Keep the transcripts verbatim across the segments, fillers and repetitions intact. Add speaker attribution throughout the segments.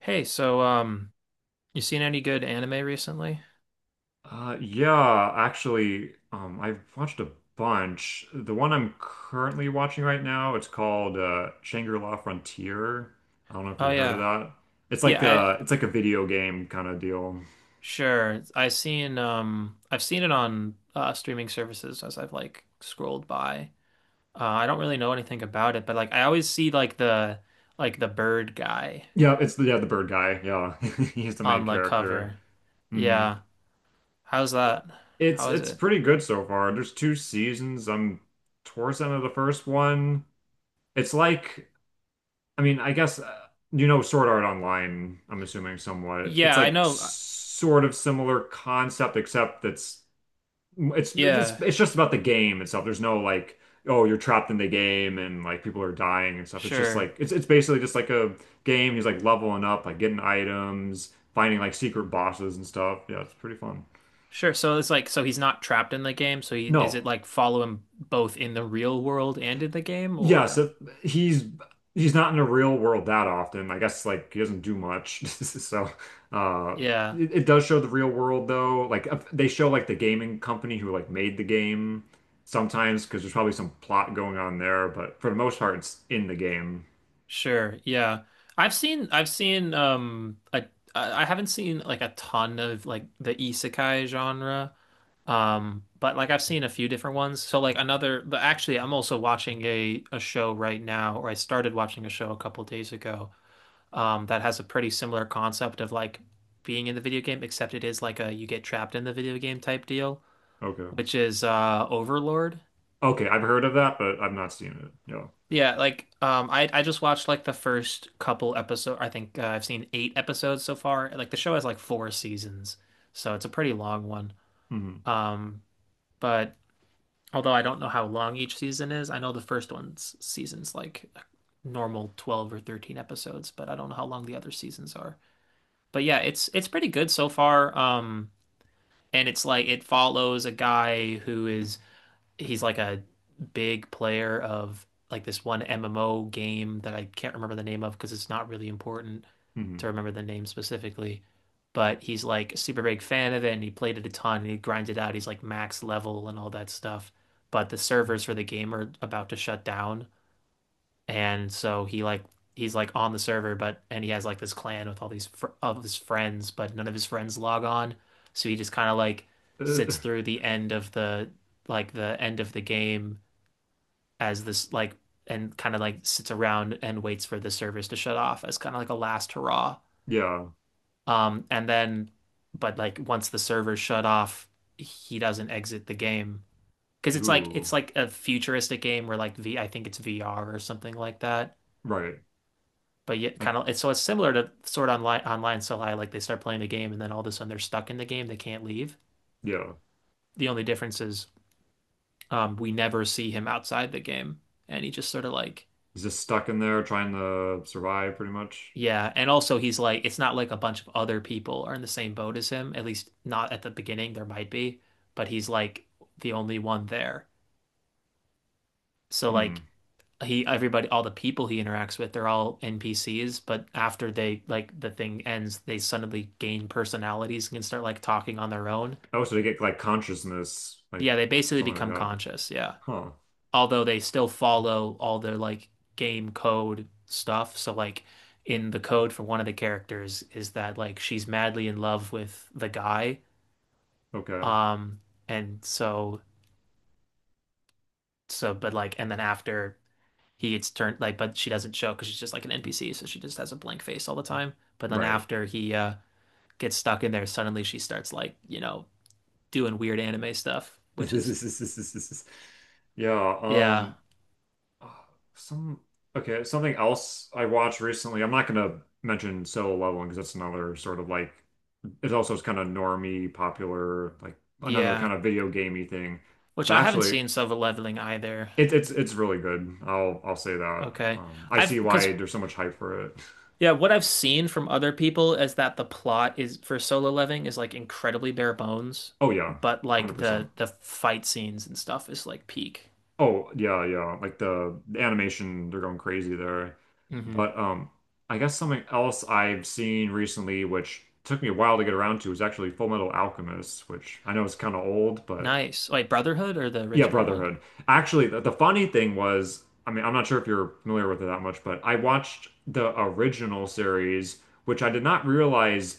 Speaker 1: Hey, so um, you seen any good anime recently?
Speaker 2: Uh, yeah, actually, um, I've watched a bunch. The one I'm currently watching right now, it's called uh, Shangri-La Frontier. I don't know if
Speaker 1: Oh
Speaker 2: you've heard of
Speaker 1: yeah.
Speaker 2: that. It's
Speaker 1: Yeah,
Speaker 2: like
Speaker 1: I
Speaker 2: a it's like a video game kind of deal.
Speaker 1: sure. I seen um I've seen it on uh streaming services as I've like scrolled by. Uh I don't really know anything about it, but like I always see like the like the bird guy
Speaker 2: Yeah, it's the, yeah, the bird guy. Yeah, he's the main
Speaker 1: on the
Speaker 2: character.
Speaker 1: cover.
Speaker 2: Hmm.
Speaker 1: Yeah. How's that?
Speaker 2: It's
Speaker 1: How is
Speaker 2: it's
Speaker 1: it?
Speaker 2: pretty good so far. There's two seasons. I'm towards the end of the first one. It's like, I mean, I guess, uh, you know Sword Art Online, I'm assuming somewhat. It's
Speaker 1: Yeah, I
Speaker 2: like s-
Speaker 1: know. uh,
Speaker 2: sort of similar concept, except that's it's
Speaker 1: Yeah,
Speaker 2: it's it's just about the game itself. There's no like, oh, you're trapped in the game and like people are dying and stuff. It's just
Speaker 1: sure.
Speaker 2: like it's it's basically just like a game. He's like leveling up, like getting items, finding like secret bosses and stuff. Yeah, it's pretty fun.
Speaker 1: Sure. So it's like so he's not trapped in the game, so he is it
Speaker 2: No,
Speaker 1: like follow him both in the real world and in the game
Speaker 2: yeah,
Speaker 1: or.
Speaker 2: so he's he's not in the real world that often. I guess like he doesn't do much. So uh
Speaker 1: Yeah.
Speaker 2: it, it does show the real world though. Like uh, they show like the gaming company who like made the game sometimes because there's probably some plot going on there, but for the most part it's in the game.
Speaker 1: Sure. Yeah. I've seen I've seen um like I I haven't seen like a ton of like the isekai genre. Um but like I've seen a few different ones. So like another but actually I'm also watching a a show right now, or I started watching a show a couple days ago um that has a pretty similar concept of like being in the video game, except it is like a you get trapped in the video game type deal,
Speaker 2: Okay.
Speaker 1: which is uh Overlord.
Speaker 2: Okay, I've heard of that, but I've not seen it. Yeah.
Speaker 1: Yeah, like um I I just watched like the first couple episodes. I think uh, I've seen eight episodes so far. Like the show has like four seasons, so it's a pretty long one.
Speaker 2: Hmm.
Speaker 1: Um but Although I don't know how long each season is, I know the first one's season's like normal twelve or thirteen episodes, but I don't know how long the other seasons are. But yeah, it's it's pretty good so far. Um and it's like it follows a guy who is he's like a big player of like this one M M O game that I can't remember the name of because it's not really important to
Speaker 2: Hmm.
Speaker 1: remember the name specifically. But he's like a super big fan of it, and he played it a ton, and he grinded out. He's like max level and all that stuff. But the servers for the game are about to shut down, and so he like he's like on the server, but and he has like this clan with all these fr of his friends, but none of his friends log on, so he just kind of like
Speaker 2: Uh,
Speaker 1: sits through the end of the like the end of the game as this like and kind of like sits around and waits for the servers to shut off as kind of like a last hurrah.
Speaker 2: yeah.
Speaker 1: Um and then but like once the servers shut off, he doesn't exit the game, because it's like it's
Speaker 2: Ooh.
Speaker 1: like a futuristic game where like V I think it's V R or something like that.
Speaker 2: Right.
Speaker 1: But yet kind
Speaker 2: Like,
Speaker 1: of it's so it's similar to Sword Online Online. So like they start playing the game and then all of a sudden they're stuck in the game, they can't leave.
Speaker 2: yeah.
Speaker 1: The only difference is um we never see him outside the game, and he just sort of like.
Speaker 2: He's just stuck in there trying to survive pretty much.
Speaker 1: Yeah, and also he's like it's not like a bunch of other people are in the same boat as him, at least not at the beginning, there might be, but he's like the only one there. So like
Speaker 2: Hmm.
Speaker 1: he everybody all the people he interacts with they're all N P Cs, but after they like the thing ends they suddenly gain personalities and can start like talking on their own.
Speaker 2: Oh, so they get like consciousness, like
Speaker 1: Yeah, they basically
Speaker 2: something like
Speaker 1: become
Speaker 2: that.
Speaker 1: conscious, yeah.
Speaker 2: Huh.
Speaker 1: Although they still follow all their like game code stuff. So like in the code for one of the characters is that like she's madly in love with the guy.
Speaker 2: Okay.
Speaker 1: Um and so so but like and then after he gets turned like but she doesn't show because she's just like an N P C, so she just has a blank face all the time. But then
Speaker 2: Right.
Speaker 1: after he uh gets stuck in there, suddenly she starts like, you know, doing weird anime stuff, which is
Speaker 2: Yeah.
Speaker 1: yeah,
Speaker 2: Um. uh, Some. Okay. Something else I watched recently. I'm not gonna mention Solo Leveling because that's another sort of like, it also is kind of normie, popular, like another
Speaker 1: yeah.
Speaker 2: kind of video gamey thing.
Speaker 1: Which
Speaker 2: But
Speaker 1: I haven't
Speaker 2: actually,
Speaker 1: seen Silver Leveling either.
Speaker 2: it's it's it's really good. I'll I'll say that.
Speaker 1: Okay.
Speaker 2: Um, I
Speaker 1: I've
Speaker 2: see why
Speaker 1: because
Speaker 2: there's so much hype for it.
Speaker 1: yeah, what I've seen from other people is that the plot is for Solo Leveling is like incredibly bare bones,
Speaker 2: Oh yeah,
Speaker 1: but like
Speaker 2: one hundred percent.
Speaker 1: the the fight scenes and stuff is like peak.
Speaker 2: Oh, yeah, yeah. Like the, the animation, they're going crazy there.
Speaker 1: Hmm.
Speaker 2: But um I guess something else I've seen recently, which took me a while to get around to, is actually Full Metal Alchemist, which I know is kind of old, but
Speaker 1: Nice. Wait, Brotherhood or the
Speaker 2: yeah,
Speaker 1: original one?
Speaker 2: Brotherhood. Actually, the, the funny thing was, I mean, I'm not sure if you're familiar with it that much, but I watched the original series, which I did not realize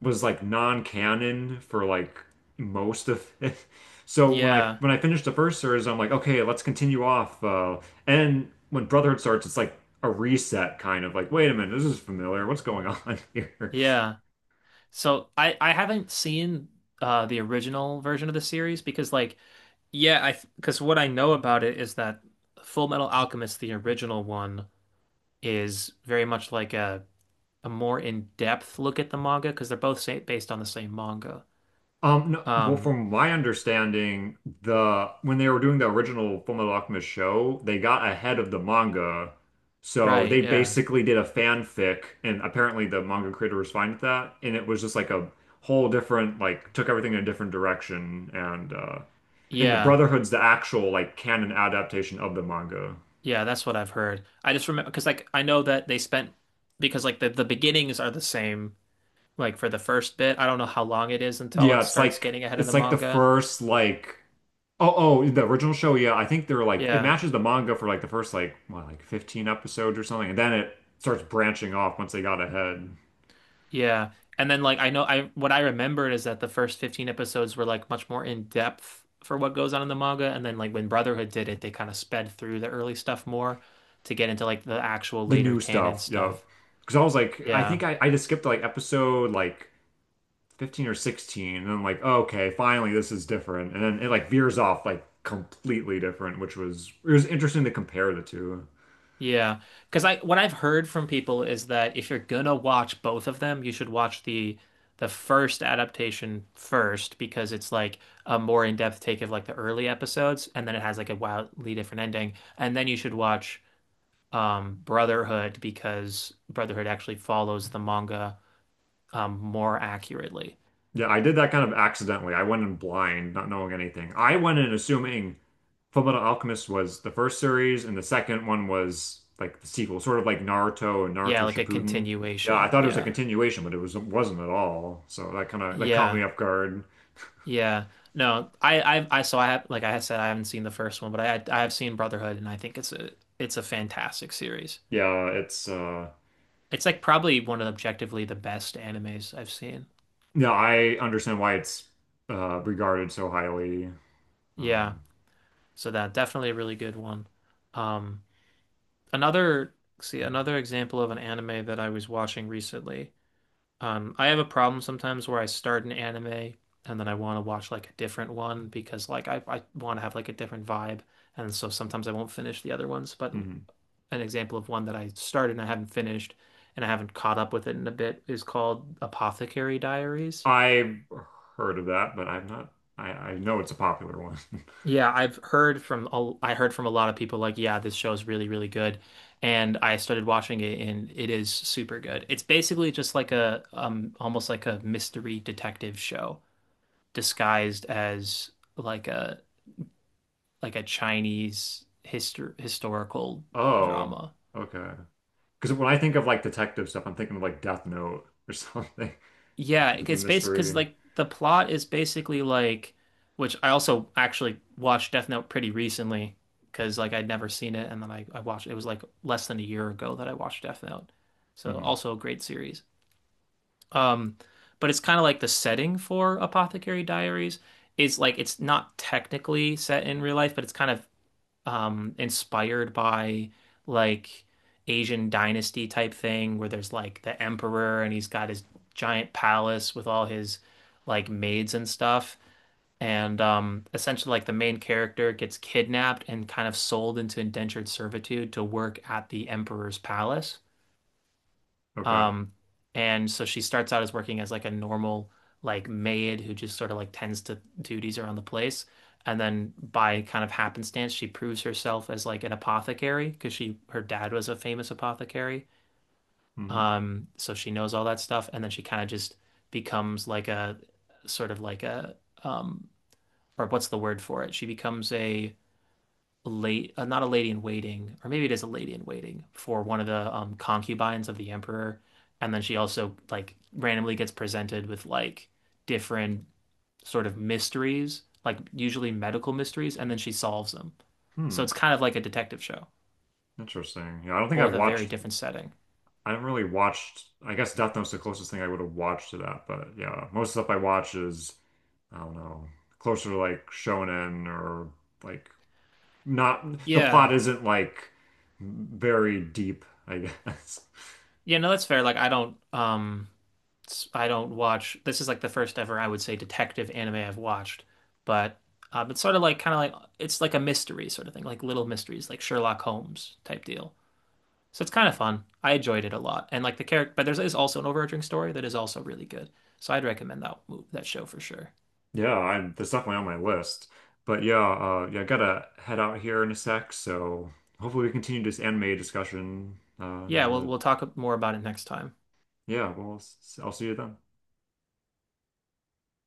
Speaker 2: was like non-canon for like most of it. So when I
Speaker 1: Yeah.
Speaker 2: when I finished the first series, I'm like, okay, let's continue off. Uh, and when Brotherhood starts, it's like a reset, kind of like, wait a minute, this is familiar. What's going on here?
Speaker 1: Yeah. So I I haven't seen uh the original version of the series because like yeah, I because what I know about it is that Full Metal Alchemist, the original one, is very much like a a more in-depth look at the manga, because they're both sa based on the same manga.
Speaker 2: Um, no, well,
Speaker 1: Um,
Speaker 2: from my understanding, the when they were doing the original Fullmetal Alchemist show, they got ahead of the manga, so
Speaker 1: right,
Speaker 2: they
Speaker 1: yeah.
Speaker 2: basically did a fanfic, and apparently the manga creator was fine with that, and it was just like a whole different, like took everything in a different direction, and uh, and the
Speaker 1: Yeah.
Speaker 2: Brotherhood's the actual like canon adaptation of the manga.
Speaker 1: Yeah, that's what I've heard. I just remember because like I know that they spent because like the the beginnings are the same like for the first bit. I don't know how long it is until it
Speaker 2: Yeah, it's
Speaker 1: starts
Speaker 2: like
Speaker 1: getting ahead of the
Speaker 2: it's like the
Speaker 1: manga.
Speaker 2: first like. Oh, oh, the original show, yeah. I think they're like it
Speaker 1: Yeah.
Speaker 2: matches the manga for like the first like what, like fifteen episodes or something, and then it starts branching off once they got ahead.
Speaker 1: Yeah. And then like I know I what I remembered is that the first fifteen episodes were like much more in depth for what goes on in the manga, and then like when Brotherhood did it they kind of sped through the early stuff more to get into like the actual
Speaker 2: The
Speaker 1: later
Speaker 2: new
Speaker 1: canon
Speaker 2: stuff, yeah.
Speaker 1: stuff.
Speaker 2: Because I was like, I
Speaker 1: Yeah.
Speaker 2: think I, I just skipped like episode like fifteen or sixteen, and I'm like, oh, okay, finally this is different. And then it like veers off like completely different, which was it was interesting to compare the two.
Speaker 1: Yeah, because I what I've heard from people is that if you're gonna watch both of them, you should watch the the first adaptation first because it's like a more in-depth take of like the early episodes, and then it has like a wildly different ending, and then you should watch um, Brotherhood, because Brotherhood actually follows the manga um, more accurately.
Speaker 2: Yeah, I did that kind of accidentally. I went in blind, not knowing anything. I went in assuming Fullmetal Alchemist was the first series, and the second one was like the sequel, sort of like Naruto and
Speaker 1: Yeah,
Speaker 2: Naruto
Speaker 1: like a
Speaker 2: Shippuden. Yeah, I
Speaker 1: continuation.
Speaker 2: thought it was a
Speaker 1: Yeah,
Speaker 2: continuation, but it was it wasn't at all. So that kind of that caught
Speaker 1: yeah,
Speaker 2: me off guard.
Speaker 1: yeah. No, I, I, I. So I have, like I said, I haven't seen the first one, but I, I have seen Brotherhood, and I think it's a, it's a fantastic series.
Speaker 2: Yeah, it's uh
Speaker 1: It's like probably one of the objectively the best animes I've seen.
Speaker 2: yeah, I understand why it's uh regarded so highly.
Speaker 1: Yeah,
Speaker 2: Um,
Speaker 1: so that definitely a really good one. Um, Another, see, another example of an anime that I was watching recently. Um, I have a problem sometimes where I start an anime and then I want to watch like a different one, because like I, I want to have like a different vibe. And so sometimes I won't finish the other ones. But
Speaker 2: mhm.
Speaker 1: an example of one that I started and I haven't finished and I haven't caught up with it in a bit is called Apothecary Diaries.
Speaker 2: I've heard of that, but I've not, I I know it's a popular one.
Speaker 1: Yeah, I've heard from a, I heard from a lot of people like, yeah, this show is really, really good. And I started watching it and it is super good. It's basically just like a um almost like a mystery detective show disguised as like a like a Chinese histor historical
Speaker 2: Oh,
Speaker 1: drama.
Speaker 2: okay. Because when I think of like detective stuff, I'm thinking of like Death Note or something
Speaker 1: Yeah,
Speaker 2: with the
Speaker 1: it's based because
Speaker 2: mystery.
Speaker 1: like the plot is basically like, which I also actually watched Death Note pretty recently because like I'd never seen it, and then I I watched it was like less than a year ago that I watched Death Note, so
Speaker 2: Hmm.
Speaker 1: also a great series. Um, but it's kind of like the setting for Apothecary Diaries. It's like it's not technically set in real life, but it's kind of um inspired by like Asian dynasty type thing where there's like the emperor and he's got his giant palace with all his like maids and stuff. And um essentially like the main character gets kidnapped and kind of sold into indentured servitude to work at the emperor's palace.
Speaker 2: Okay.
Speaker 1: Um, and so she starts out as working as like a normal like maid who just sort of like tends to duties around the place. And then by kind of happenstance, she proves herself as like an apothecary because she her dad was a famous apothecary.
Speaker 2: Hmm.
Speaker 1: Um, so she knows all that stuff, and then she kind of just becomes like a sort of like a um or what's the word for it? She becomes a late, uh, not a lady in waiting, or maybe it is a lady in waiting for one of the um, concubines of the emperor, and then she also like randomly gets presented with like different sort of mysteries, like usually medical mysteries, and then she solves them. So
Speaker 2: Hmm.
Speaker 1: it's kind of like a detective show,
Speaker 2: Interesting. Yeah, I don't
Speaker 1: but
Speaker 2: think
Speaker 1: with
Speaker 2: I've
Speaker 1: a very
Speaker 2: watched.
Speaker 1: different setting.
Speaker 2: I haven't really watched. I guess Death Note's the closest thing I would have watched to that. But yeah, most stuff I watch is, I don't know, closer to like shonen or like not. The
Speaker 1: Yeah.
Speaker 2: plot isn't like very deep. I guess.
Speaker 1: Yeah, no, that's fair. Like I don't um I I don't watch. This is like the first ever I would say detective anime I've watched, but um, it's sort of like kind of like it's like a mystery sort of thing, like little mysteries, like Sherlock Holmes type deal. So it's kind of fun. I enjoyed it a lot, and like the character, but there's is also an overarching story that is also really good. So I'd recommend that move that show for sure.
Speaker 2: Yeah, I'm, that's definitely on my list. But yeah, uh, yeah, I gotta head out here in a sec. So hopefully we continue this anime discussion. Uh,
Speaker 1: Yeah, we'll
Speaker 2: and, uh,
Speaker 1: we'll talk more about it next time.
Speaker 2: yeah, well, s- I'll see you then.